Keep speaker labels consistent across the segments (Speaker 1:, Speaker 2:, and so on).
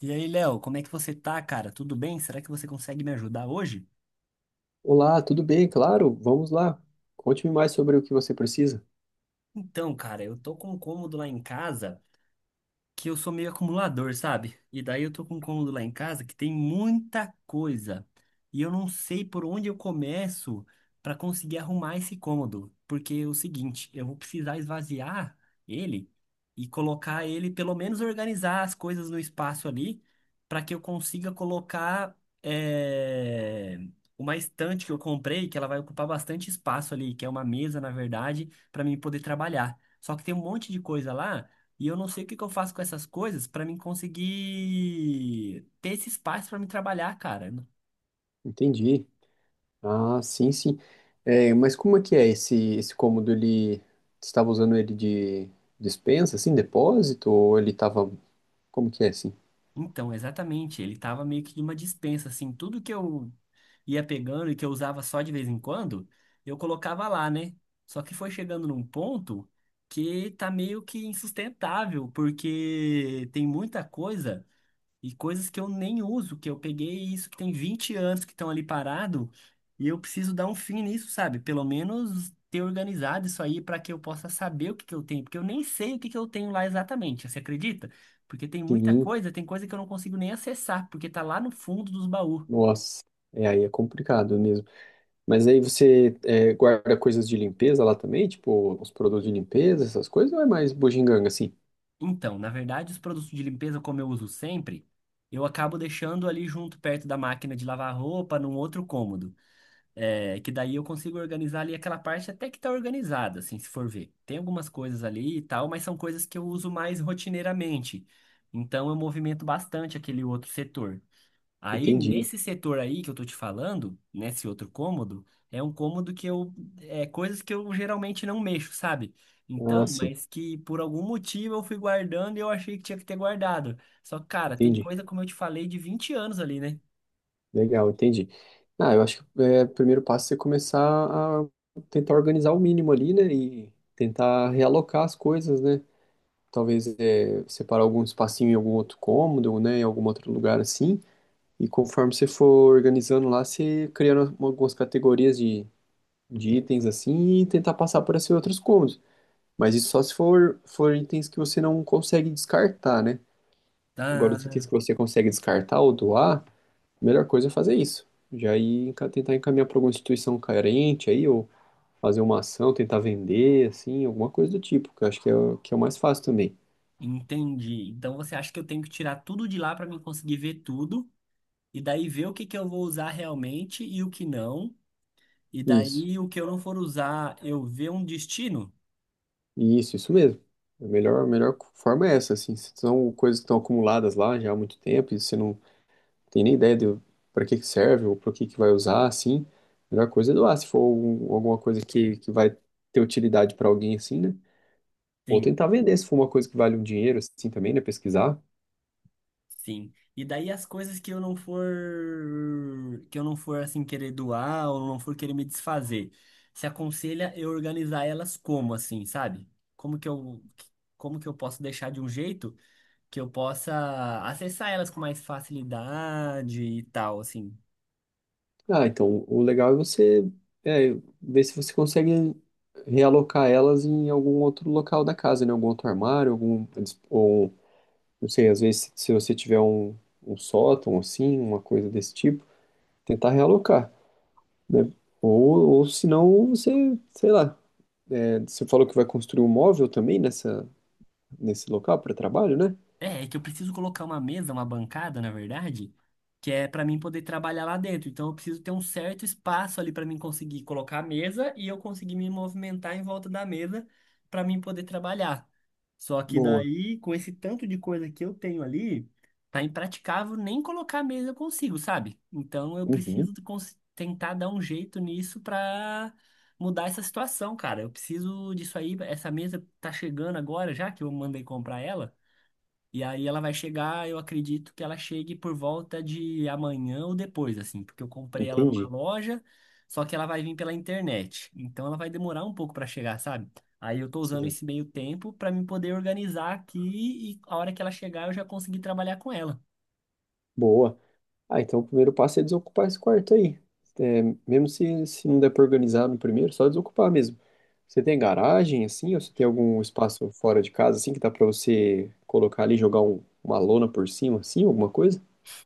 Speaker 1: E aí, Léo, como é que você tá, cara? Tudo bem? Será que você consegue me ajudar hoje?
Speaker 2: Olá, tudo bem? Claro, vamos lá. Conte-me mais sobre o que você precisa.
Speaker 1: Então, cara, eu tô com um cômodo lá em casa, que eu sou meio acumulador, sabe? E daí eu tô com um cômodo lá em casa que tem muita coisa. E eu não sei por onde eu começo para conseguir arrumar esse cômodo. Porque é o seguinte, eu vou precisar esvaziar ele e colocar ele, pelo menos organizar as coisas no espaço ali, para que eu consiga colocar eh, uma estante que eu comprei, que ela vai ocupar bastante espaço ali, que é uma mesa, na verdade, para mim poder trabalhar. Só que tem um monte de coisa lá e eu não sei o que que eu faço com essas coisas pra mim conseguir ter esse espaço pra me trabalhar, cara.
Speaker 2: Entendi. Ah, sim, sim. É, mas como é que é esse cômodo? Ele você estava usando ele de despensa, assim, depósito? Ou ele estava. Como que é assim?
Speaker 1: Então, exatamente, ele tava meio que numa dispensa, assim, tudo que eu ia pegando e que eu usava só de vez em quando, eu colocava lá, né? Só que foi chegando num ponto que tá meio que insustentável, porque tem muita coisa. E coisas que eu nem uso, que eu peguei isso que tem 20 anos que estão ali parado, e eu preciso dar um fim nisso, sabe? Pelo menos ter organizado isso aí para que eu possa saber o que que eu tenho, porque eu nem sei o que que eu tenho lá exatamente, você acredita? Porque tem muita
Speaker 2: Sim,
Speaker 1: coisa, tem coisa que eu não consigo nem acessar, porque tá lá no fundo dos baús.
Speaker 2: nossa. É, aí é complicado mesmo. Mas aí você guarda coisas de limpeza lá também? Tipo, os produtos de limpeza, essas coisas? Ou é mais bugiganga, assim?
Speaker 1: Então, na verdade, os produtos de limpeza, como eu uso sempre, eu acabo deixando ali junto perto da máquina de lavar roupa, num outro cômodo. É, que daí eu consigo organizar ali aquela parte até que tá organizada, assim, se for ver. Tem algumas coisas ali e tal, mas são coisas que eu uso mais rotineiramente. Então eu movimento bastante aquele outro setor. Aí,
Speaker 2: Entendi.
Speaker 1: nesse setor aí que eu tô te falando, nesse outro cômodo, é um cômodo que eu, é coisas que eu geralmente não mexo, sabe? Então,
Speaker 2: Ah, sim,
Speaker 1: mas que por algum motivo eu fui guardando e eu achei que tinha que ter guardado. Só que, cara, tem
Speaker 2: entendi.
Speaker 1: coisa, como eu te falei, de 20 anos ali, né?
Speaker 2: Legal, entendi. Ah, eu acho que o primeiro passo é você começar a tentar organizar o mínimo ali, né? E tentar realocar as coisas, né? Talvez separar algum espacinho em algum outro cômodo, né? Em algum outro lugar assim. E conforme você for organizando lá, você criando algumas categorias de itens assim e tentar passar por esses outros cômodos. Mas isso só se for itens que você não consegue descartar, né? Agora,
Speaker 1: Tá.
Speaker 2: os itens que você consegue descartar ou doar a melhor coisa é fazer isso. Já ir tentar encaminhar para alguma instituição carente aí, ou fazer uma ação, tentar vender, assim, alguma coisa do tipo, que eu acho que que é o mais fácil também.
Speaker 1: Entendi. Então você acha que eu tenho que tirar tudo de lá para mim conseguir ver tudo e daí ver o que que eu vou usar realmente e o que não. E
Speaker 2: Isso,
Speaker 1: daí o que eu não for usar, eu ver um destino?
Speaker 2: isso mesmo. A melhor forma é essa, assim, se são coisas que estão acumuladas lá já há muito tempo e você não tem nem ideia de para que que serve ou para que que vai usar, assim, a melhor coisa é doar, se for alguma coisa que vai ter utilidade para alguém, assim, né? Ou
Speaker 1: Sim,
Speaker 2: tentar vender, se for uma coisa que vale um dinheiro, assim, também, né? Pesquisar.
Speaker 1: sim. E daí as coisas que eu não for assim querer doar ou não for querer me desfazer. Se aconselha eu organizar elas como assim, sabe? Como que eu como que eu posso deixar de um jeito que eu possa acessar elas com mais facilidade e tal, assim.
Speaker 2: Ah, então, o legal é você é, ver se você consegue realocar elas em algum outro local da casa, né? Algum outro armário, ou, não sei, às vezes se você tiver um, sótão, assim, uma coisa desse tipo, tentar realocar, né? Ou se não, você, sei lá, você falou que vai construir um móvel também nesse local para trabalho, né?
Speaker 1: É, é que eu preciso colocar uma mesa, uma bancada, na verdade, que é pra mim poder trabalhar lá dentro. Então eu preciso ter um certo espaço ali pra mim conseguir colocar a mesa e eu conseguir me movimentar em volta da mesa pra mim poder trabalhar. Só que
Speaker 2: Boa.
Speaker 1: daí, com esse tanto de coisa que eu tenho ali, tá impraticável nem colocar a mesa eu consigo, sabe? Então eu
Speaker 2: Uhum,
Speaker 1: preciso tentar dar um jeito nisso pra mudar essa situação, cara. Eu preciso disso aí, essa mesa tá chegando agora já que eu mandei comprar ela. E aí ela vai chegar, eu acredito que ela chegue por volta de amanhã ou depois, assim, porque eu comprei ela numa
Speaker 2: entendi.
Speaker 1: loja, só que ela vai vir pela internet. Então ela vai demorar um pouco para chegar, sabe? Aí eu tô usando
Speaker 2: Sim.
Speaker 1: esse meio tempo para me poder organizar aqui e a hora que ela chegar eu já consegui trabalhar com ela.
Speaker 2: Boa. Ah, então o primeiro passo é desocupar esse quarto aí. É, mesmo se não der para organizar no primeiro, só desocupar mesmo. Você tem garagem, assim, ou você tem algum espaço fora de casa, assim, que dá para você colocar ali, jogar uma lona por cima, assim, alguma coisa?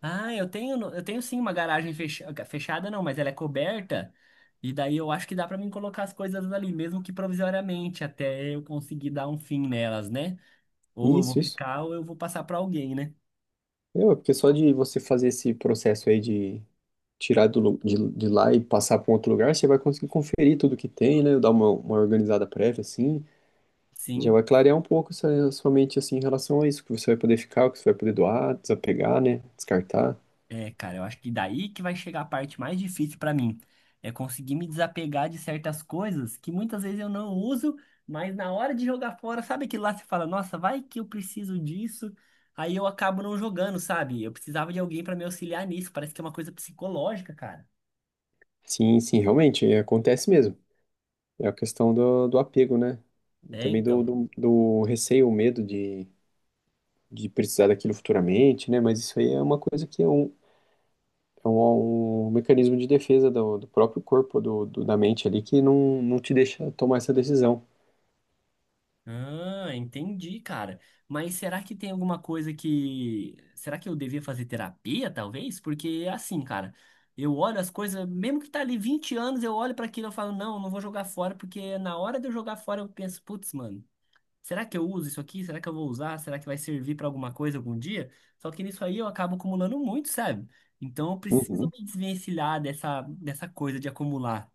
Speaker 1: Ah, eu tenho, eu tenho sim uma garagem fechada, não, mas ela é coberta. E daí eu acho que dá para mim colocar as coisas ali, mesmo que provisoriamente, até eu conseguir dar um fim nelas, né? Ou eu vou
Speaker 2: Isso, isso.
Speaker 1: ficar ou eu vou passar para alguém, né?
Speaker 2: É, ué, porque só de você fazer esse processo aí de tirar de lá e passar para um outro lugar, você vai conseguir conferir tudo que tem, né? Dar uma organizada prévia, assim, já
Speaker 1: Sim,
Speaker 2: vai clarear um pouco essa sua mente assim em relação a isso, que você vai poder ficar, o que você vai poder doar, desapegar, né? Descartar.
Speaker 1: é, cara, eu acho que daí que vai chegar a parte mais difícil pra mim. É conseguir me desapegar de certas coisas que muitas vezes eu não uso, mas na hora de jogar fora, sabe que lá você fala, nossa, vai que eu preciso disso, aí eu acabo não jogando, sabe? Eu precisava de alguém pra me auxiliar nisso, parece que é uma coisa psicológica, cara.
Speaker 2: Sim, sim, realmente, acontece mesmo. É a questão do apego, né? E
Speaker 1: É,
Speaker 2: também do,
Speaker 1: então.
Speaker 2: do, do receio, o medo de precisar daquilo futuramente, né? Mas isso aí é uma coisa que é um mecanismo de defesa do próprio corpo, da mente ali, que não, não te deixa tomar essa decisão.
Speaker 1: Ah, entendi, cara. Mas será que tem alguma coisa que. Será que eu devia fazer terapia, talvez? Porque, é assim, cara, eu olho as coisas, mesmo que tá ali 20 anos, eu olho pra aquilo e eu falo, não, eu não vou jogar fora, porque na hora de eu jogar fora eu penso, putz, mano, será que eu uso isso aqui? Será que eu vou usar? Será que vai servir pra alguma coisa algum dia? Só que nisso aí eu acabo acumulando muito, sabe? Então eu preciso
Speaker 2: Uhum.
Speaker 1: me desvencilhar dessa coisa de acumular.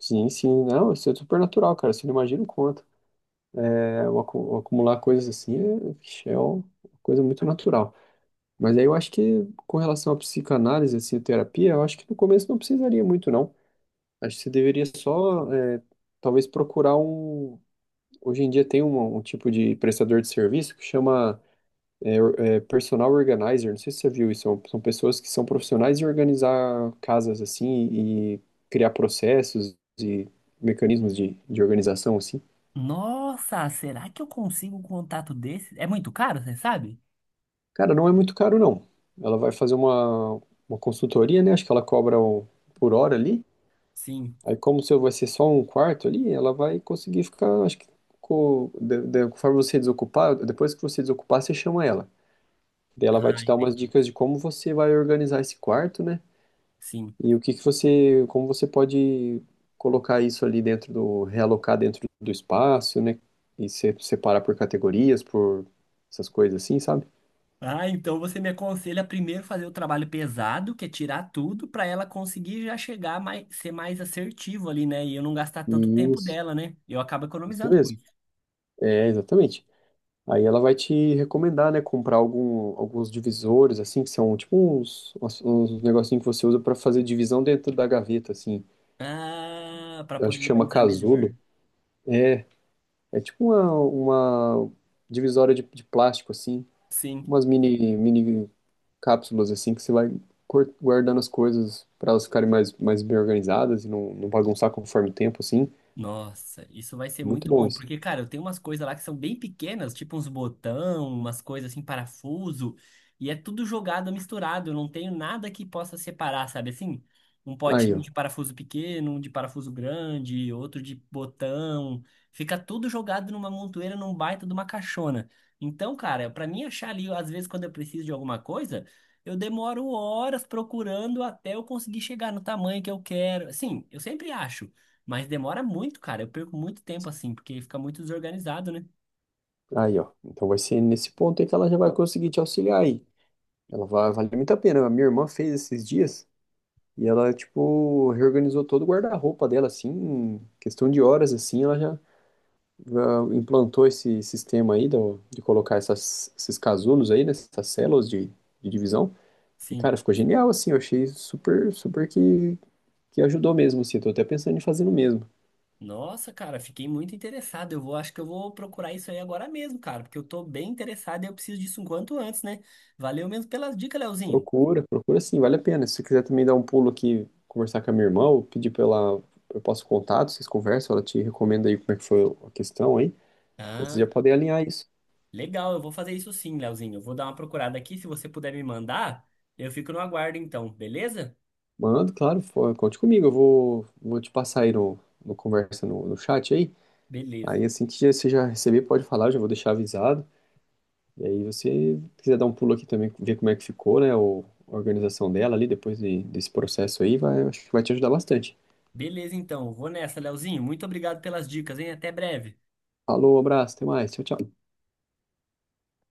Speaker 2: Sim, sim, não, isso é super natural, cara. Você não imagina o quanto. É, o acumular coisas assim, vixe, é uma coisa muito natural. Mas aí eu acho que com relação à psicanálise, assim, à terapia, eu acho que no começo não precisaria muito, não. Acho que você deveria só, talvez procurar um. Hoje em dia tem um, tipo de prestador de serviço que chama, é, or- é, personal organizer. Não sei se você viu isso. São pessoas que são profissionais em organizar casas, assim, e criar processos e mecanismos de organização, assim.
Speaker 1: Nossa, será que eu consigo um contato desse? É muito caro, você sabe?
Speaker 2: Cara, não é muito caro, não. Ela vai fazer uma consultoria, né? Acho que ela cobra por hora ali.
Speaker 1: Sim.
Speaker 2: Aí, como o seu vai ser só um quarto ali, ela vai conseguir ficar, acho que, conforme você desocupar, depois que você desocupar, você chama ela. Daí ela vai
Speaker 1: Ah,
Speaker 2: te dar umas
Speaker 1: entendi.
Speaker 2: dicas de como você vai organizar esse quarto, né?
Speaker 1: Sim.
Speaker 2: E o que que você, como você pode colocar isso ali realocar dentro do espaço, né? E se, separar por categorias, por essas coisas assim, sabe?
Speaker 1: Ah, então você me aconselha primeiro fazer o trabalho pesado, que é tirar tudo, para ela conseguir já chegar mais, ser mais assertivo ali, né? E eu não gastar tanto tempo
Speaker 2: Isso.
Speaker 1: dela, né? Eu acabo
Speaker 2: Isso
Speaker 1: economizando com
Speaker 2: mesmo.
Speaker 1: isso.
Speaker 2: É, exatamente. Aí ela vai te recomendar, né, comprar alguns divisores, assim, que são tipo uns, uns negocinhos que você usa para fazer divisão dentro da gaveta, assim.
Speaker 1: Ah, para
Speaker 2: Eu acho
Speaker 1: poder
Speaker 2: que chama
Speaker 1: organizar
Speaker 2: casulo.
Speaker 1: melhor.
Speaker 2: É, é tipo uma divisória de plástico, assim,
Speaker 1: Sim.
Speaker 2: umas mini cápsulas, assim, que você vai guardando as coisas para elas ficarem mais bem organizadas e não bagunçar conforme o tempo, assim.
Speaker 1: Nossa, isso vai ser
Speaker 2: Muito
Speaker 1: muito
Speaker 2: bom
Speaker 1: bom,
Speaker 2: isso.
Speaker 1: porque, cara, eu tenho umas coisas lá que são bem pequenas, tipo uns botão, umas coisas assim, parafuso, e é tudo jogado, misturado, eu não tenho nada que possa separar, sabe assim? Um
Speaker 2: Aí,
Speaker 1: potinho
Speaker 2: ó.
Speaker 1: de parafuso pequeno, um de parafuso grande, outro de botão, fica tudo jogado numa montoeira, num baita de uma caixona. Então, cara, pra mim achar ali, às vezes quando eu preciso de alguma coisa, eu demoro horas procurando até eu conseguir chegar no tamanho que eu quero. Sim, eu sempre acho. Mas demora muito, cara. Eu perco muito tempo assim, porque fica muito desorganizado, né?
Speaker 2: Aí, ó. Então vai ser nesse ponto aí que ela já vai conseguir te auxiliar aí. Ela vale muito a pena. A minha irmã fez esses dias e ela, tipo, reorganizou todo o guarda-roupa dela, assim, em questão de horas, assim, ela já implantou esse sistema aí de colocar esses casulos aí, né, essas células de divisão. E,
Speaker 1: Sim.
Speaker 2: cara, ficou genial, assim, eu achei super, super que ajudou mesmo, assim, eu tô até pensando em fazer o mesmo.
Speaker 1: Nossa, cara, fiquei muito interessado. Eu vou, acho que eu vou procurar isso aí agora mesmo, cara, porque eu tô bem interessado e eu preciso disso o quanto antes, né? Valeu mesmo pelas dicas, Leozinho.
Speaker 2: Procura, procura sim, vale a pena. Se você quiser também dar um pulo aqui, conversar com a minha irmã, ou eu passo o contato, vocês conversam, ela te recomenda aí como é que foi a questão aí. Aí vocês já
Speaker 1: Ah,
Speaker 2: podem alinhar isso.
Speaker 1: legal, eu vou fazer isso sim, Leozinho. Eu vou dar uma procurada aqui, se você puder me mandar, eu fico no aguardo então, beleza?
Speaker 2: Mando, claro, conte comigo. Eu vou te passar aí no conversa no chat aí.
Speaker 1: Beleza.
Speaker 2: Aí assim que você já receber, pode falar, eu já vou deixar avisado. E aí você quiser dar um pulo aqui também, ver como é que ficou, né? A organização dela ali, depois desse processo aí, vai, acho que vai te ajudar bastante.
Speaker 1: Beleza, então. Vou nessa, Leozinho. Muito obrigado pelas dicas, hein? Até breve.
Speaker 2: Falou, abraço, até mais. Tchau, tchau.